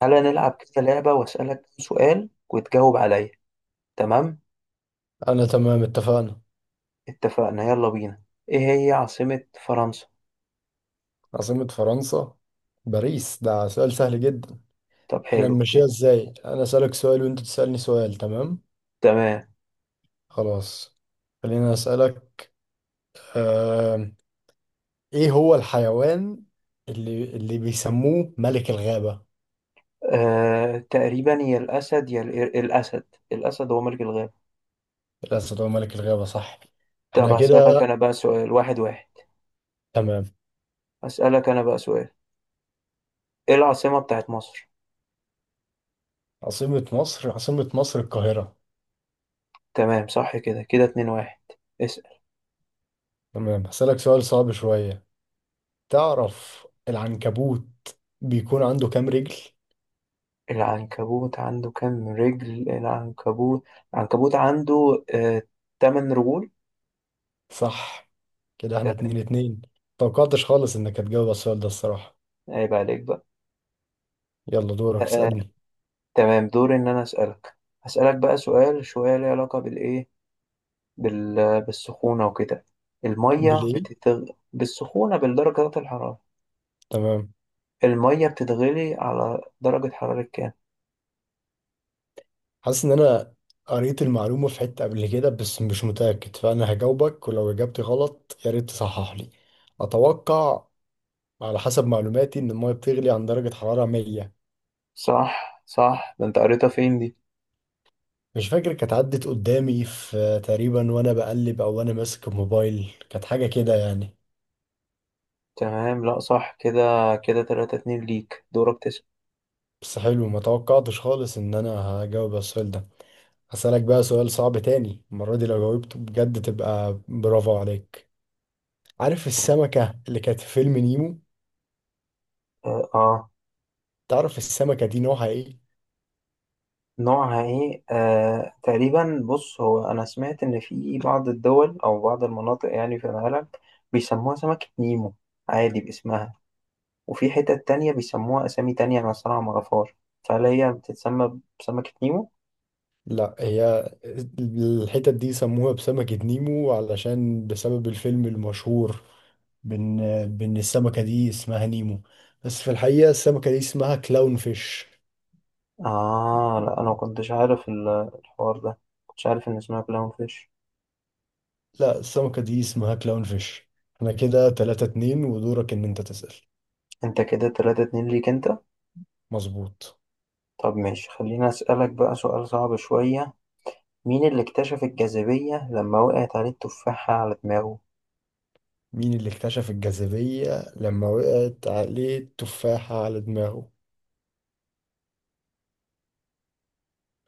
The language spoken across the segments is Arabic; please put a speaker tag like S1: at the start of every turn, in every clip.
S1: تعالى نلعب كده لعبة وأسألك كام سؤال وتجاوب عليا. تمام،
S2: أنا تمام اتفقنا.
S1: اتفقنا. يلا بينا، ايه هي عاصمة فرنسا؟
S2: عاصمة فرنسا باريس، ده سؤال سهل جدا.
S1: طب
S2: احنا
S1: حلو
S2: نمشيها
S1: كده.
S2: ازاي؟ أنا أسألك سؤال وأنت تسألني سؤال، تمام؟
S1: تمام،
S2: خلاص خليني أسألك. آه... إيه هو الحيوان اللي بيسموه ملك الغابة؟
S1: آه تقريبا يا الأسد يا الأسد. الأسد هو ملك الغابة.
S2: الأسد هو ملك الغابة، صح.
S1: طب
S2: احنا
S1: هسألك
S2: كده
S1: أنا بقى سؤال واحد.
S2: تمام.
S1: هسألك أنا بقى سؤال، ايه العاصمة بتاعت مصر؟
S2: عاصمة مصر، عاصمة مصر القاهرة.
S1: تمام صح، كده كده اتنين واحد. اسأل.
S2: تمام هسألك سؤال صعب شوية. تعرف العنكبوت بيكون عنده كام رجل؟
S1: العنكبوت عنده كام رجل؟ العنكبوت، العنكبوت عنده تمن رجول.
S2: صح، كده احنا
S1: تمام.
S2: اتنين اتنين. متوقعتش خالص انك هتجاوب على السؤال ده الصراحة.
S1: عيب عليك بقى.
S2: يلا دورك
S1: آه،
S2: اسألني.
S1: تمام، دوري ان انا اسالك. هسالك بقى سؤال شويه ليه علاقه بال... بالسخونه وكده. الميه
S2: بليه
S1: بتتغ... بالسخونه، بالدرجات الحراره.
S2: تمام.
S1: الميه بتتغلي على درجه حراره كام؟
S2: حاسس ان انا قريت المعلومة في حتة قبل كده بس مش متأكد، فانا هجاوبك ولو اجابتي غلط يا ريت تصحح لي. اتوقع على حسب معلوماتي ان المية بتغلي عند درجة حرارة 100.
S1: صح صح، ده انت قريتها فين دي؟
S2: مش فاكر، كانت عدت قدامي في تقريبا وانا بقلب او وانا ماسك الموبايل، كانت حاجة كده يعني.
S1: تمام، لا صح كده. كده 3 2 ليك، دورك تسال.
S2: بس حلو، ما توقعتش خالص ان انا هجاوب على السؤال ده. هسألك بقى سؤال صعب تاني المرة دي، لو جاوبته بجد تبقى برافو عليك. عارف السمكة اللي كانت في فيلم نيمو؟
S1: اه، آه.
S2: تعرف السمكة دي نوعها ايه؟
S1: نوعها ايه؟ آه تقريبا، بص هو انا سمعت ان في بعض الدول او بعض المناطق يعني في العالم بيسموها سمكة نيمو عادي باسمها، وفي حتت تانية بيسموها أسامي تانية. أنا الصراحة مغفار، فهل هي بتتسمى بسمكة نيمو؟
S2: لا، هي الحتت دي سموها بسمكة نيمو علشان بسبب الفيلم المشهور، بان، بان السمكة دي اسمها نيمو، بس في الحقيقة السمكة دي اسمها كلاون فيش.
S1: آه لا، أنا ما كنتش عارف الحوار ده. كنتش عارف إن اسمها كلاون فيش.
S2: لا السمكة دي اسمها كلاون فيش. احنا كده 3 2 ودورك ان انت تسأل.
S1: أنت كده تلاتة اتنين ليك أنت.
S2: مظبوط.
S1: طب ماشي، خليني أسألك بقى سؤال صعب شوية. مين اللي اكتشف الجاذبية لما وقعت عليه التفاحة على دماغه؟
S2: مين اللي اكتشف الجاذبية لما وقعت عليه التفاحة على دماغه؟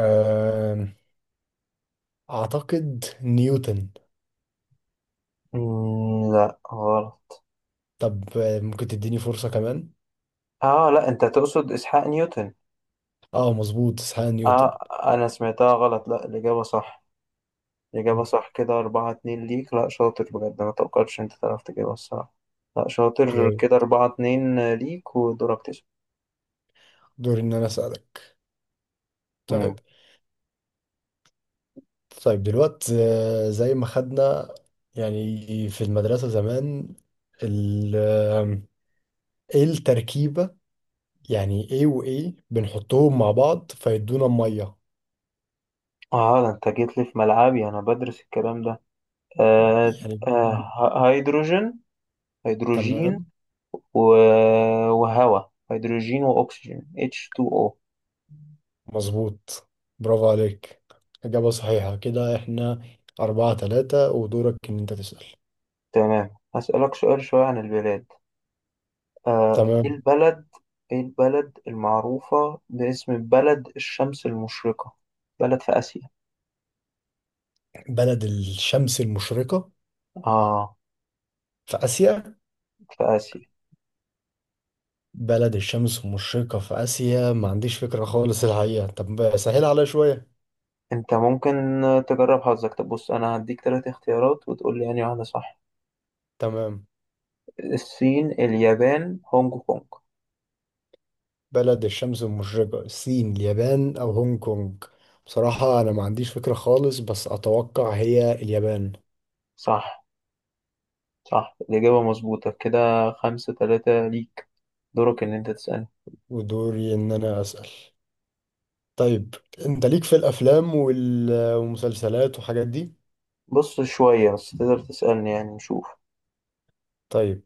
S2: أم، أعتقد نيوتن.
S1: لا غلط.
S2: طب ممكن تديني فرصة كمان؟
S1: آه لا، أنت تقصد إسحاق نيوتن؟
S2: اه مظبوط، اسحاق نيوتن.
S1: آه، أنا سمعتها غلط. لا الإجابة صح، إجابة صح. كده أربعة اتنين ليك. لأ شاطر بجد، ما توقعتش أنت تعرف تجيبها الصراحة. لأ شاطر. كده
S2: كويس،
S1: أربعة اتنين ليك، ودورك تسأل.
S2: دوري إن أنا أسألك. طيب.
S1: مم.
S2: طيب دلوقتي زي ما خدنا يعني في المدرسة زمان ال آم، ايه التركيبة يعني، ايه وايه بنحطهم مع بعض فيدونا مية
S1: اه ده انت جيت لي في ملعبي، انا بدرس الكلام ده. آه،
S2: يعني؟
S1: هيدروجين. هيدروجين
S2: تمام.
S1: و... وهواء، هيدروجين واكسجين، H2O.
S2: مظبوط، برافو عليك، إجابة صحيحة، كده إحنا أربعة تلاتة ودورك إن أنت تسأل.
S1: تمام، هسألك سؤال شوية عن البلاد. آه ايه
S2: تمام.
S1: البلد، ايه البلد المعروفة باسم بلد الشمس المشرقة؟ بلد في آسيا.
S2: بلد الشمس المشرقة
S1: اه،
S2: في آسيا.
S1: في آسيا.
S2: بلد الشمس المشرقة في آسيا، ما عنديش فكرة خالص الحقيقة، طب سهل عليا شوية.
S1: انت ممكن تجرب حظك. طب بص، انا هديك ثلاث اختيارات وتقول لي يعني واحدة صح.
S2: تمام.
S1: الصين، اليابان، هونج كونج.
S2: بلد الشمس المشرقة، الصين اليابان أو هونج كونج؟ بصراحة أنا ما عنديش فكرة خالص، بس أتوقع هي اليابان.
S1: صح، صح الإجابة مظبوطة. كده خمسة ثلاثة ليك. دورك ان انت تسألني.
S2: ودوري إن أنا أسأل. طيب. انت ليك في الافلام وال- والمسلسلات والحاجات دي.
S1: بص شوية، بس تقدر تسألني يعني نشوف.
S2: طيب،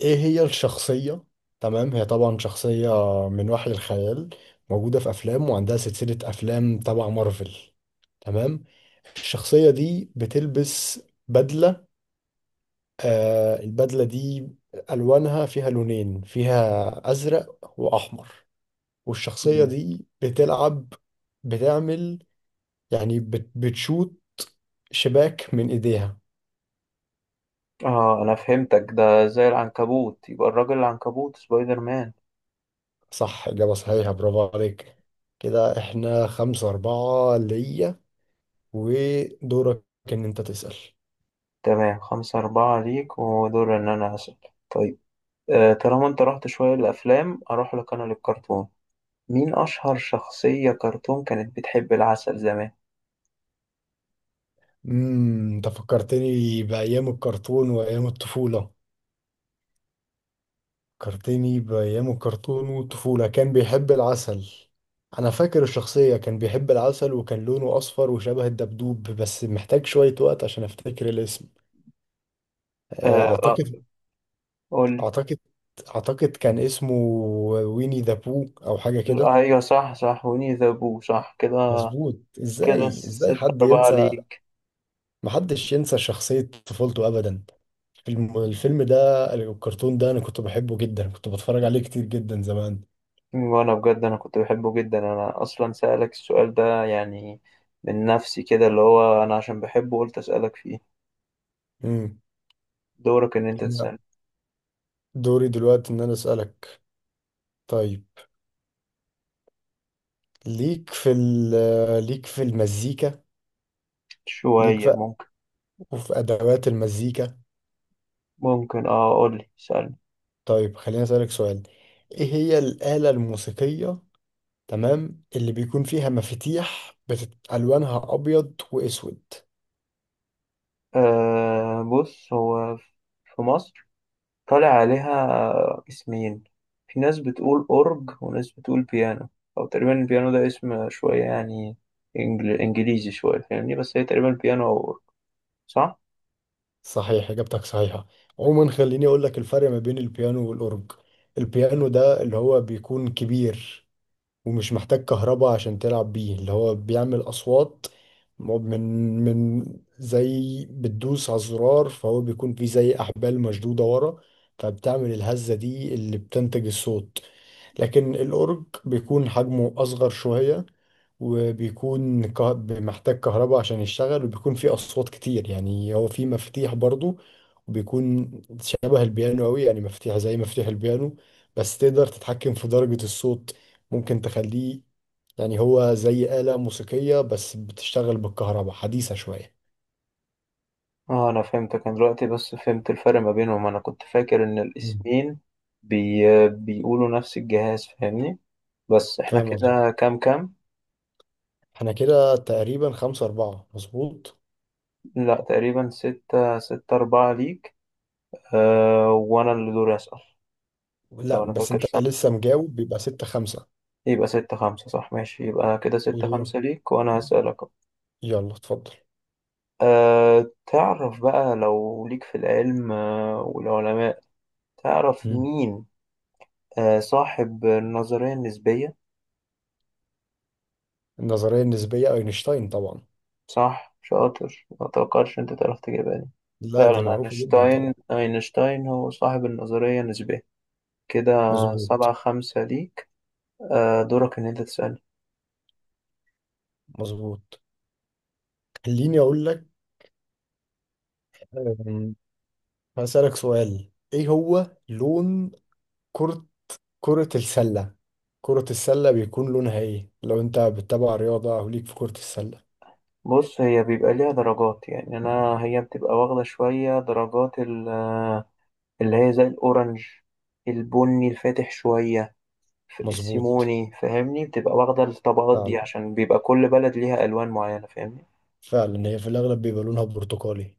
S2: ايه هي الشخصية؟ تمام، هي طبعا شخصية من وحي الخيال، موجودة في افلام وعندها سلسلة افلام تبع مارفل. تمام، الشخصية دي بتلبس بدلة. آه البدلة دي ألوانها فيها لونين، فيها أزرق وأحمر. والشخصية
S1: مم.
S2: دي بتلعب، بتعمل يعني بتشوت شباك من إيديها.
S1: اه انا فهمتك، ده زي العنكبوت، يبقى الراجل العنكبوت، سبايدر مان.
S2: صح، إجابة صحيحة، برافو عليك. كده احنا خمسة أربعة ليا، ودورك إن أنت تسأل.
S1: تمام، خمسة أربعة ليك، ودور ان انا أسأل. طيب، آه طالما انت رحت شوية للأفلام أروح لك انا للكرتون. مين أشهر شخصية كرتون كانت بتحب العسل زمان؟
S2: أنت فكرتني بأيام الكرتون وأيام الطفولة. فكرتني بأيام الكرتون والطفولة، كان بيحب العسل. أنا فاكر الشخصية كان بيحب العسل وكان لونه أصفر وشبه الدبدوب، بس محتاج شوية وقت عشان أفتكر الاسم. آه،
S1: آه،
S2: أعتقد
S1: قولي.
S2: أعتقد أعتقد كان اسمه ويني ذا بو أو حاجة كده.
S1: أيوة صح صح، وني ذا بو، صح. كده
S2: مظبوط،
S1: كده
S2: ازاي
S1: ستة
S2: حد
S1: أربعة
S2: ينسى.
S1: ليك.
S2: محدش ينسى شخصية طفولته ابدا. الفيلم ده، الكرتون ده، انا كنت بحبه جدا، كنت بتفرج عليه كتير جدا زمان.
S1: وأنا بجد أنا كنت بحبه جدا، أنا أصلا سألك السؤال ده يعني من نفسي كده، اللي هو أنا عشان بحبه قلت أسألك فيه.
S2: امم.
S1: دورك إن أنت
S2: لا،
S1: تسأل.
S2: دوري دلوقتي ان انا اسالك. طيب. ليك في ليك في المزيكا، ليك
S1: شوية
S2: في
S1: ممكن.
S2: وفي ادوات المزيكا.
S1: ممكن أه، قولي سألني.
S2: طيب خليني اسالك سؤال، ايه هي الآلة الموسيقية، تمام، اللي بيكون فيها مفاتيح الوانها ابيض واسود؟
S1: آه بص، هو في مصر طالع عليها اسمين، في ناس بتقول أورج وناس بتقول بيانو. أو تقريبا البيانو ده اسم شوية يعني إنجليزي شوية، فاهمني؟ بس هي تقريبا بيانو أو أورج، صح؟
S2: صحيح، إجابتك صحيحة. عموما خليني أقول لك الفرق ما بين البيانو والأورج. البيانو ده اللي هو بيكون كبير، ومش محتاج كهرباء عشان تلعب بيه، اللي هو بيعمل أصوات من زي بتدوس على الزرار، فهو بيكون فيه زي أحبال مشدودة ورا، فبتعمل الهزة دي اللي بتنتج الصوت. لكن الأورج بيكون حجمه أصغر شوية، وبيكون محتاج كهرباء عشان يشتغل، وبيكون فيه أصوات كتير، يعني هو فيه مفاتيح برضو، وبيكون شبه البيانو أوي، يعني مفاتيح زي مفاتيح البيانو، بس تقدر تتحكم في درجة الصوت، ممكن تخليه يعني، هو زي آلة موسيقية بس بتشتغل بالكهرباء، حديثة شوية.
S1: اه أنا فهمتك، أنا دلوقتي بس فهمت الفرق ما بينهم. أنا كنت فاكر إن
S2: مم.
S1: الاسمين بي... بيقولوا نفس الجهاز، فاهمني؟ بس احنا
S2: فاهم قصدي.
S1: كده كام كام؟
S2: احنا كده تقريبا خمسة أربعة مظبوط.
S1: لا تقريبا ستة، ستة أربعة ليك. أه وأنا اللي دوري أسأل.
S2: لا،
S1: لو أنا
S2: بس
S1: فاكر
S2: انت
S1: صح
S2: لسه مجاوب بيبقى ستة خمسة.
S1: يبقى ستة خمسة، صح؟ ماشي، يبقى كده ستة
S2: ودورك،
S1: خمسة ليك وأنا هسألك أهو.
S2: يلا اتفضل.
S1: أه تعرف بقى، لو ليك في العلم أه والعلماء، تعرف
S2: مم.
S1: مين أه صاحب النظرية النسبية؟
S2: النظرية النسبية أينشتاين طبعا.
S1: صح شاطر، ما توقعتش أنت تعرف تجيبها دي.
S2: لا دي
S1: فعلا
S2: معروفة جدا
S1: أينشتاين،
S2: طبعا.
S1: أينشتاين هو صاحب النظرية النسبية. كده
S2: مظبوط.
S1: سبعة خمسة ليك. أه دورك إن أنت تسألني.
S2: مظبوط. خليني أقول لك. أم، هسألك سؤال، إيه هو لون كرة، كرة السلة؟ كرة السلة بيكون لونها ايه، لو انت بتتابع رياضة او ليك في كرة السلة؟
S1: بص هي بيبقى ليها درجات يعني، أنا هي بتبقى واخدة شوية درجات، ال اللي هي زي الأورنج، البني الفاتح شوية.
S2: مظبوط،
S1: السيموني، فاهمني؟ بتبقى واخدة الطبقات دي
S2: فعلا.
S1: عشان بيبقى كل بلد ليها ألوان معينة، فاهمني؟
S2: فعلا هي في الاغلب بيبقى لونها برتقالي.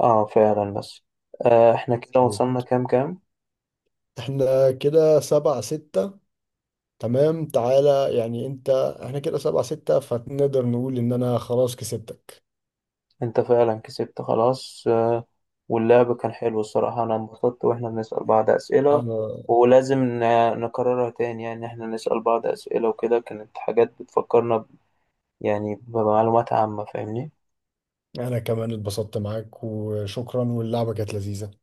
S1: اه فعلا، بس آه احنا كده وصلنا كام كام؟
S2: احنا كده سبعة ستة. تمام تعالى، يعني انت، احنا كده سبعة ستة فنقدر نقول ان انا خلاص كسبتك.
S1: انت فعلا كسبت خلاص، آه واللعب كان حلو الصراحة، انا انبسطت واحنا بنسأل بعض أسئلة.
S2: انا
S1: ولازم نكررها تاني يعني، احنا نسأل بعض أسئلة وكده، كانت حاجات بتفكرنا يعني بمعلومات عامة، فاهمني؟
S2: انا كمان اتبسطت معاك، وشكرا، واللعبة كانت لذيذة.